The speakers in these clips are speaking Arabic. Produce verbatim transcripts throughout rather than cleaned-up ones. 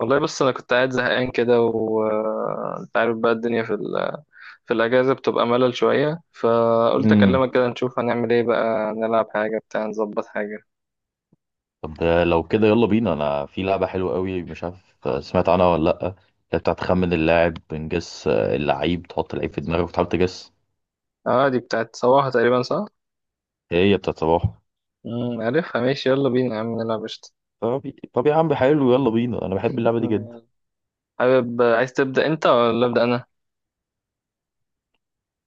والله، بص انا كنت قاعد زهقان كده، وانت عارف بقى الدنيا في ال... في الاجازه بتبقى ملل شويه، فقلت امم اكلمك كده نشوف هنعمل ايه بقى، نلعب حاجه بتاع، نظبط حاجه. طب ده لو كده، يلا بينا. انا في لعبة حلوة قوي، مش عارف سمعت عنها ولا لأ، اللي بتاعت خمن اللاعب. بنجس اللعيب، تحط اللعيب في دماغك وتحاول تجس. اه دي بتاعت صباحه تقريبا، صح. هي بتاعت صباح. امم، عارفها، ماشي يلا بينا يا عم نلعب قشطه. طب طب يا عم، حلو يلا بينا، انا بحب اللعبة دي جدا. مم. حابب، عايز تبدا انت ولا ابدا انا؟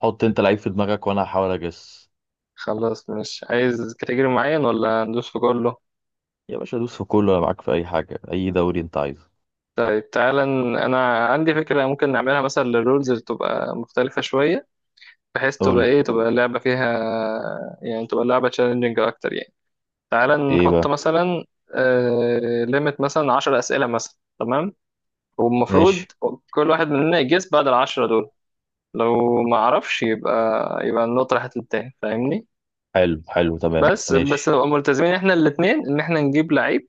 حط انت لعيب في دماغك وانا هحاول اجس. خلاص، مش عايز كاتيجوري معين ولا ندوس في كله؟ يا باشا دوس في كله، انا معاك في اي حاجة، اي دوري انت عايزه. طيب تعالى ن- انا عندي فكره ممكن نعملها مثلا للرولز، اللي تبقى مختلفه شويه، بحيث قول تبقى لي ايه، تبقى اللعبة فيها، يعني تبقى اللعبة تشالنجينج اكتر يعني. تعال ايه نحط بقى. مثلا آه... ليميت مثلا عشر اسئلة مثلا، تمام؟ ماشي والمفروض كل واحد مننا يجس بعد العشرة دول، لو ما عرفش يبقى، يبقى النقطة راحت للتاني، فاهمني؟ حلو حلو تمام بس بس ماشي. نبقى ملتزمين احنا الاتنين ان احنا نجيب لعيب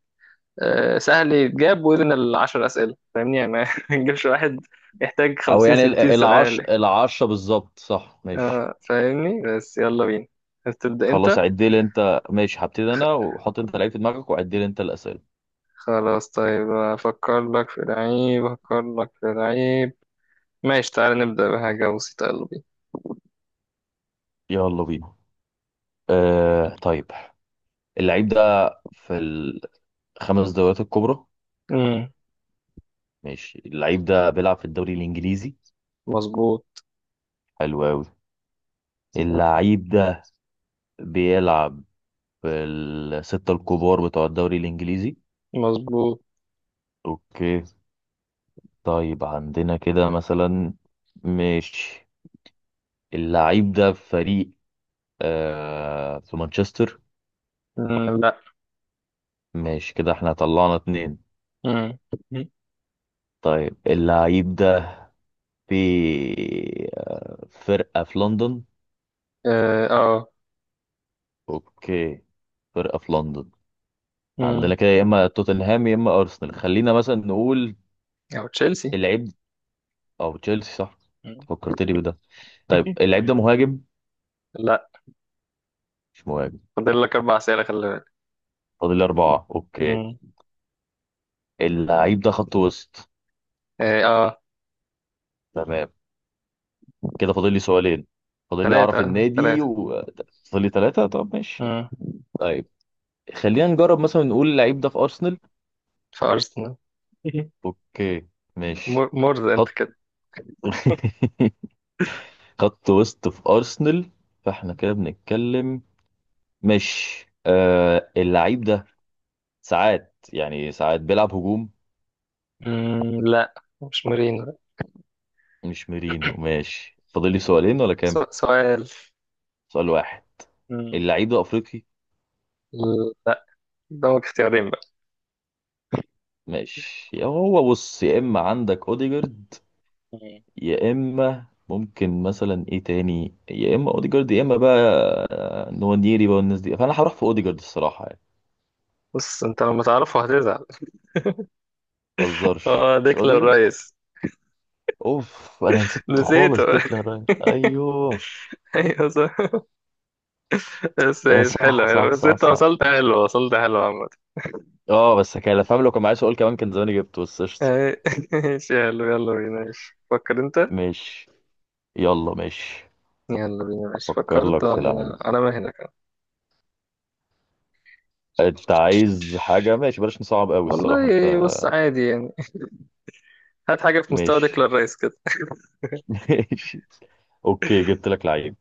آه... سهل يتجاب وذن العشر اسئلة، فاهمني؟ يعني ما نجيبش واحد يحتاج او خمسين يعني ال- ستين العش سؤال. العشرة بالظبط صح. ماشي فاهمني؟ بس يلا بينا، عايز تبدأ خلاص انت؟ عد لي انت. ماشي، هبتدي انا وحط انت لعيب في دماغك وعد لي انت الاسئله. خلاص طيب، أفكر لك في لعيب، أفكر لك في لعيب. ماشي تعالى نبدأ بحاجة بسيطة، يلا بينا. يلا بينا. آه طيب. اللعيب ده في الخمس دوريات الكبرى. أمم، ماشي اللعيب ده بيلعب في الدوري الانجليزي. مظبوط. حلو قوي. اللعيب ده بيلعب في الستة الكبار بتوع الدوري الانجليزي. مظبوط. اوكي طيب، عندنا كده مثلا. ماشي، اللعيب ده في فريق آه في مانشستر. أمم، لا. ماشي، كده احنا طلعنا اتنين. أمم، طيب اللعيب ده في آه، فرقة في لندن. اه آه. اوكي، فرقة في لندن. أمم، عندنا كده يا اما توتنهام يا اما ارسنال، خلينا مثلا نقول أو تشيلسي. اللعيب او تشيلسي صح. أمم، فكرتني بده. طيب اللعيب ده مهاجم. لا. مش مهاجم. فاضل لك أربع أسئلة، خلي بالك. فاضل لي أربعة اوكي. أمم، اللعيب ده خط وسط. اه آه. تمام، كده فاضل لي سؤالين. فاضل لي اعرف تلاتة النادي تلاتة. وفاضل لي ثلاثة. طب ماشي. أمم، طيب خلينا نجرب مثلا نقول اللعيب ده في ارسنال. في أرسنال. اوكي ماشي. مر- مرز أنت خط كده. خط وسط في ارسنال، فاحنا كده بنتكلم. مش آه اللعيب ده ساعات يعني ساعات بيلعب هجوم. أمم، لا، مش مورينو. مش ميرينو ماشي. فاضل لي سؤالين ولا كام؟ سو- سؤال. سؤال واحد. أمم، اللعيب ده افريقي. لا، قدامك اختيارين. ماشي يا هو، بص يا اما عندك اوديجارد بقى يا اما ممكن مثلا ايه تاني، يا اما اوديجارد يا اما بقى آه، نوانيري بقى والناس دي، فانا هروح في اوديجارد الصراحه يعني. بص انت لما تعرفه هتزعل. ما تهزرش اه مش ديكلان اوديجارد. رايس. اوف، انا نسيت نسيته. خالص، ديكلان رايس ايوه. ايوه صح. بس آه، ايش، حلو صح حلو، صح بس صح انت صح. وصلت حلو، وصلت حلو عامة. اه بس كان فاهم، لو كان معايا سؤال كمان كان زماني جبته، بس قشطة. اي- ايش حلو، يلا بينا، ايش فكر انت. ماشي، يلا ماشي. يلا بينا ايش هفكر فكرت لك في لعيب. ولا انا ما هنا كان. انت عايز حاجة ماشي، بلاش نصعب قوي الصراحة انت. والله بص عادي يعني، هات حاجة في مستوى ماشي ديكلان رايس كده. ماشي. اوكي، جبت لك لعيب.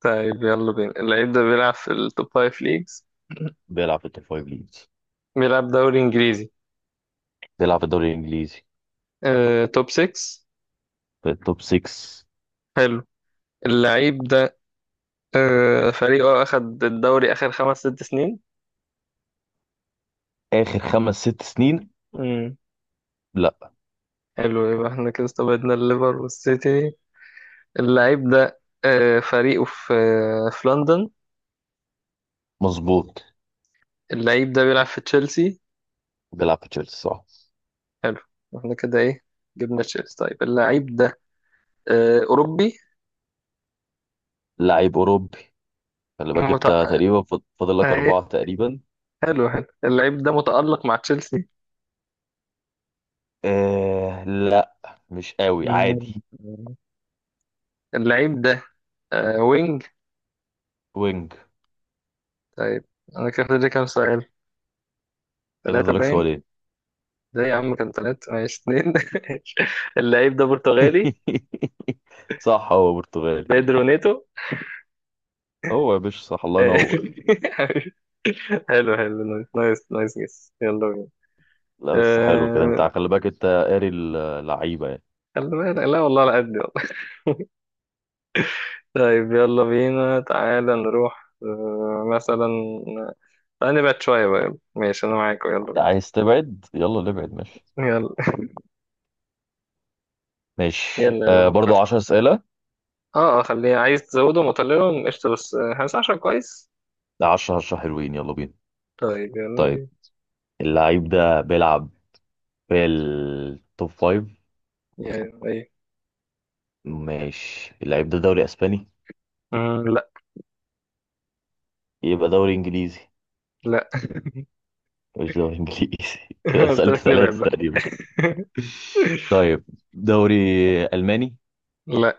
طيب يلا بينا، اللعيب ده بيلعب في التوب فايف ليجز. بيلعب في التوب فايف ليجز. بيلعب دوري انجليزي. بيلعب في الدوري الانجليزي. آه، توب ستة. في التوب ستة. حلو. اللعيب ده آه، فريقه أخد الدوري آخر خمس ست سنين. اخر خمس ست سنين. امم. لا. حلو، يبقى احنا كده استبعدنا الليفر والسيتي. اللعيب ده آه، فريقه في آه، في لندن. مظبوط. اللعيب ده بيلعب في تشيلسي. بيلعب في تشيلسي صح. حلو. احنا كده ايه، جبنا تشيلسي. طيب اللعيب ده آه، أوروبي. لعيب اوروبي. خلي بالك مت... انت آه، تقريبا. فاضل لك إيه، اربعة تقريبا. حلو حلو، اللعيب ده متألق مع تشيلسي؟ آه لا مش قوي، عادي. مم. اللعيب ده آه، وينج. وينج. طيب، أنا كده فاضل لي كام سؤال، كده ثلاثة فاضلك باين. سؤالين. ده يا عم كان ثلاثة، ماشي اتنين. اللعيب ده برتغالي، صح، هو برتغالي. بيدرو نيتو. هو يا باشا صح، الله آه. ينور. حلو حلو، نايس نايس نايس، جس يلا بينا. لا بس حلو كده، انت آه، خلي بالك، انت قاري اللعيبه يعني. خلي بالك، لا والله على قد، والله. طيب يلا بينا، تعالى نروح آه، مثلا، تعالى نبعد شوية بقى، يلا ماشي أنا معاك يلا لا، بينا. عايز تبعد يلا نبعد ماشي. يلا. ماشي يلا، يلا آه برضو فكرت. عشرة اسئله. اه اه، خليه، عايز تزوده مطلله قشطة، بس آه، خمستاشر كويس. عشرة عشرة حلوين يلا بينا. طيب يلا طيب بينا. اللعيب ده بيلعب في التوب فايف. يعني ايه؟ ماشي، اللعيب ده دوري اسباني. مم، لا. يبقى دوري انجليزي. لا. مش دوري انجليزي. كده قلت سألت لك نبعد ثلاثه بقى. تقريبا. طيب، دوري الماني. لا.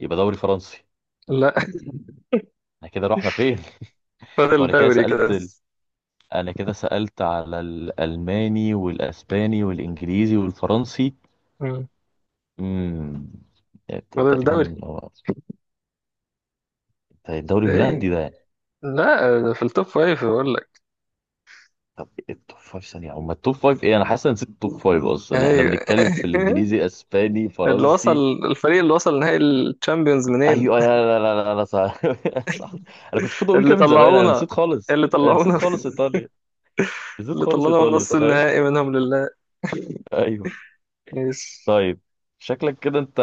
يبقى دوري فرنسي. لا. احنا كده رحنا فين؟ فاضل وانا كده دوري كده سألت ال... بس. انا كده سألت على الالماني والاسباني والانجليزي والفرنسي. مم. امم فاضل دوري. تقريبا هو- ده الدوري الهولندي ايه، ده يعني. لا ده في التوب فايف بقول لك. طب التوب فايف ثانية، او ما التوب فايف ايه، انا حاسس إن نسيت التوب فايف اصلا، احنا ايوه. بنتكلم في الانجليزي اسباني اللي وصل، فرنسي. الفريق اللي وصل نهائي الشامبيونز منين؟ ايوه يا، لا لا لا لا صح. صح. انا كنت المفروض اقول اللي كده من زمان، انا طلعونا، نسيت خالص، اللي انا نسيت طلعونا، خالص ايطاليا. نسيت اللي خالص طلعونا من ايطاليا نص تخيل. النهائي، منهم لله. ايوه. ماشي. طيب، شكلك كده انت.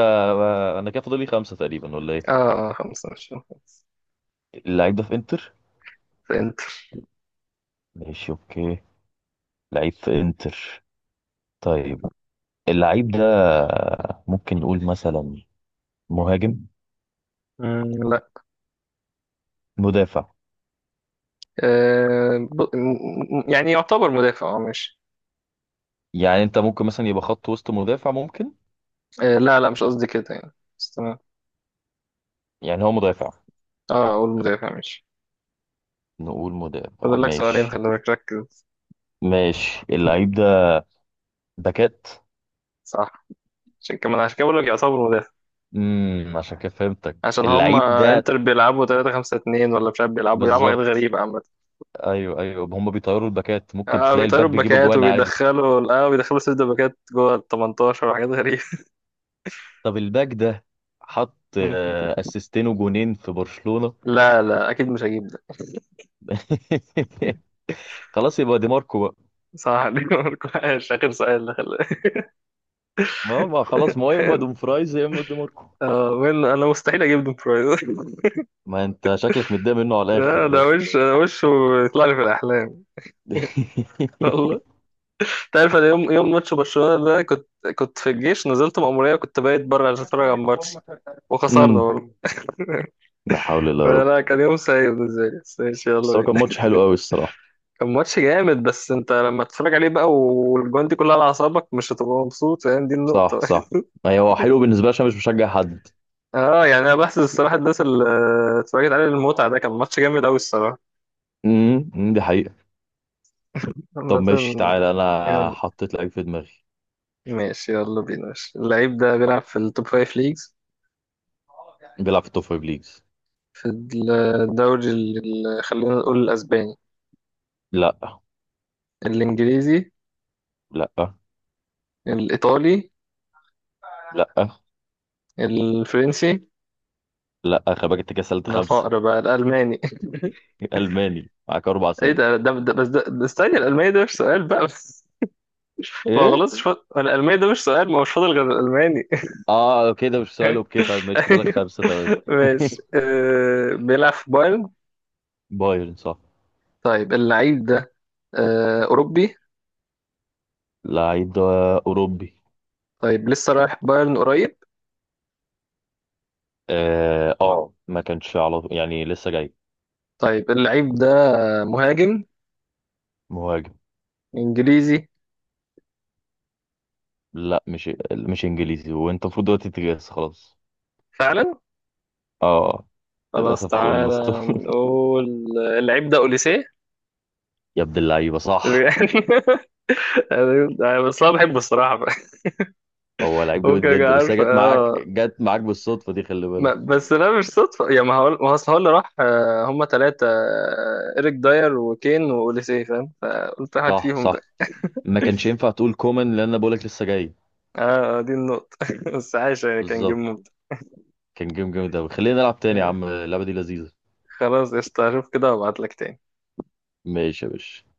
انا كده فاضل لي خمسة تقريبا ولا ايه؟ اه آه، خمسة، مش خمسة. اللعيب ده في انتر. انت. ماشي اوكي. لعيب في انتر. طيب اللعيب ده ممكن نقول مثلا مهاجم. مم، لا. مدافع. آه ب... م- م- يعني يعتبر مدافع، اه ماشي. يعني انت ممكن مثلا يبقى خط وسط، مدافع ممكن. آه لا لا، مش قصدي كده يعني، بس تمام. يعني هو مدافع. اه، اقول مدافع ماشي. نقول مدافع فاضل لك سؤالين، ماشي. خلي بالك ركز. ماشي، اللعيب ده باكات. صح، عشان كمان، عشان كده بقول لك يعتبروا مدافع. امم، عشان كده فهمتك عشان هم اللعيب ده. انتر بيلعبوا ثلاثة خمسة اثنين ولا مش عارف، بيلعبوا بيلعبوا حاجات بالظبط. غريبة عامة. ايوه ايوه هم بيطيروا الباكات، ممكن اه تلاقي الباك بيطيروا بيجيب الباكات، اجوان عادي. وبيدخلوا اه بيدخلوا سيرة الباكات جوه ال تمنتاشر وحاجات غريبة. طب الباك ده، حط آه، اسيستين وجونين في برشلونة. لا لا، اكيد مش هجيب ده. خلاص، يبقى دي ماركو بقى. صح عليك. مش اخر سؤال ده خلي- ما ما خلاص، ما هو يا اما دوم فرايز يا اما دي ماركو. اه وين انا مستحيل اجيب دون فراي. ما انت شكلك متضايق منه على الاخر لا ده ده. وش، ده وشه يطلع لي في الاحلام. والله، تعرف انا يوم يوم ماتش برشلونة ده كنت، كنت في الجيش، نزلت مأمورية وكنت بايت بره عشان اتفرج على الماتش، وخسرنا امم، برضه. لا حول الله يا رب. فلا كان يوم سعيد بالنسبة لي، بس ماشي يلا بس هو بينا. كان ماتش حلو قوي الصراحة. كان ماتش جامد، بس انت لما تتفرج عليه بقى والجوان دي كلها على اعصابك، مش هتبقى مبسوط، فاهم دي صح النقطة. صح. ايوه، هو حلو بالنسبة لي عشان مش بشجع حد. اه يعني انا بحسب الصراحة الناس اللي اتفرجت عليه المتعة، ده كان ماتش جامد قوي الصراحة. امم أمم، دي حقيقة. طب عامة. ماشي تعالى، انا يلا حطيت لعيب في دماغي. ماشي يلا بينا، ماشي اللعيب ده بيلعب في التوب فايف ليجز. بيلعب في التوب فايف ليجز. في الدوري ال- خلينا نقول الاسباني. لا الانجليزي. لا الايطالي. لا الفرنسي. لا، خباجة كده سألت انا خمسة. فقر بقى، الالماني. ألماني معاك أربع ايه أسئلة ده ده, ده بس ده, ده استني، الالماني ده مش سؤال بقى، بس ما إيه؟ خلصش. فاضل الالماني، ده مش سؤال، ما هو مش فاضل غير الالماني. آه كده مش سؤال، أوكي طيب ماشي فاضلك خمسة تمام. ماشي. آه بيلعب في بايرن. بايرن صح. طيب اللعيب ده آه اوروبي. لعيب أوروبي. طيب لسه رايح بايرن قريب. آه, آه ما كانش على طول يعني لسه جاي. طيب اللعيب ده مهاجم. مهاجم. انجليزي. لا مش مش إنجليزي، وأنت المفروض دلوقتي تجهز خلاص. فعلا، آه آه، خلاص للأسف تعالى خلصته. نقول، اللعيب ده اوليسيه. يا ابن اللعيبة صح. يعني بس انا بحبه الصراحه. هو لعيب جامد ممكن أبقى جدا، بس هي عارف، جت معاك اه. جت معاك بالصدفة دي، خلي ما بالك. بس لا، مش صدفة يا ما هقول، ما هو أصل هو اللي راح آه، هما تلاتة، آه، إيريك داير وكين وأوليسيه، فاهم؟ فقلت واحد صح فيهم بقى. صح. ما كانش ينفع تقول كومان لأن أنا بقولك لسه جاي. اه آه، دي النقطة. بس عايش يعني، كان جيم بالظبط. ممتع. كان جيم جامد أوي، خلينا نلعب تاني يا آه، عم اللعبة دي لذيذة. خلاص قشطة، أشوف كده وأبعتلك تاني. ماشي يا باشا.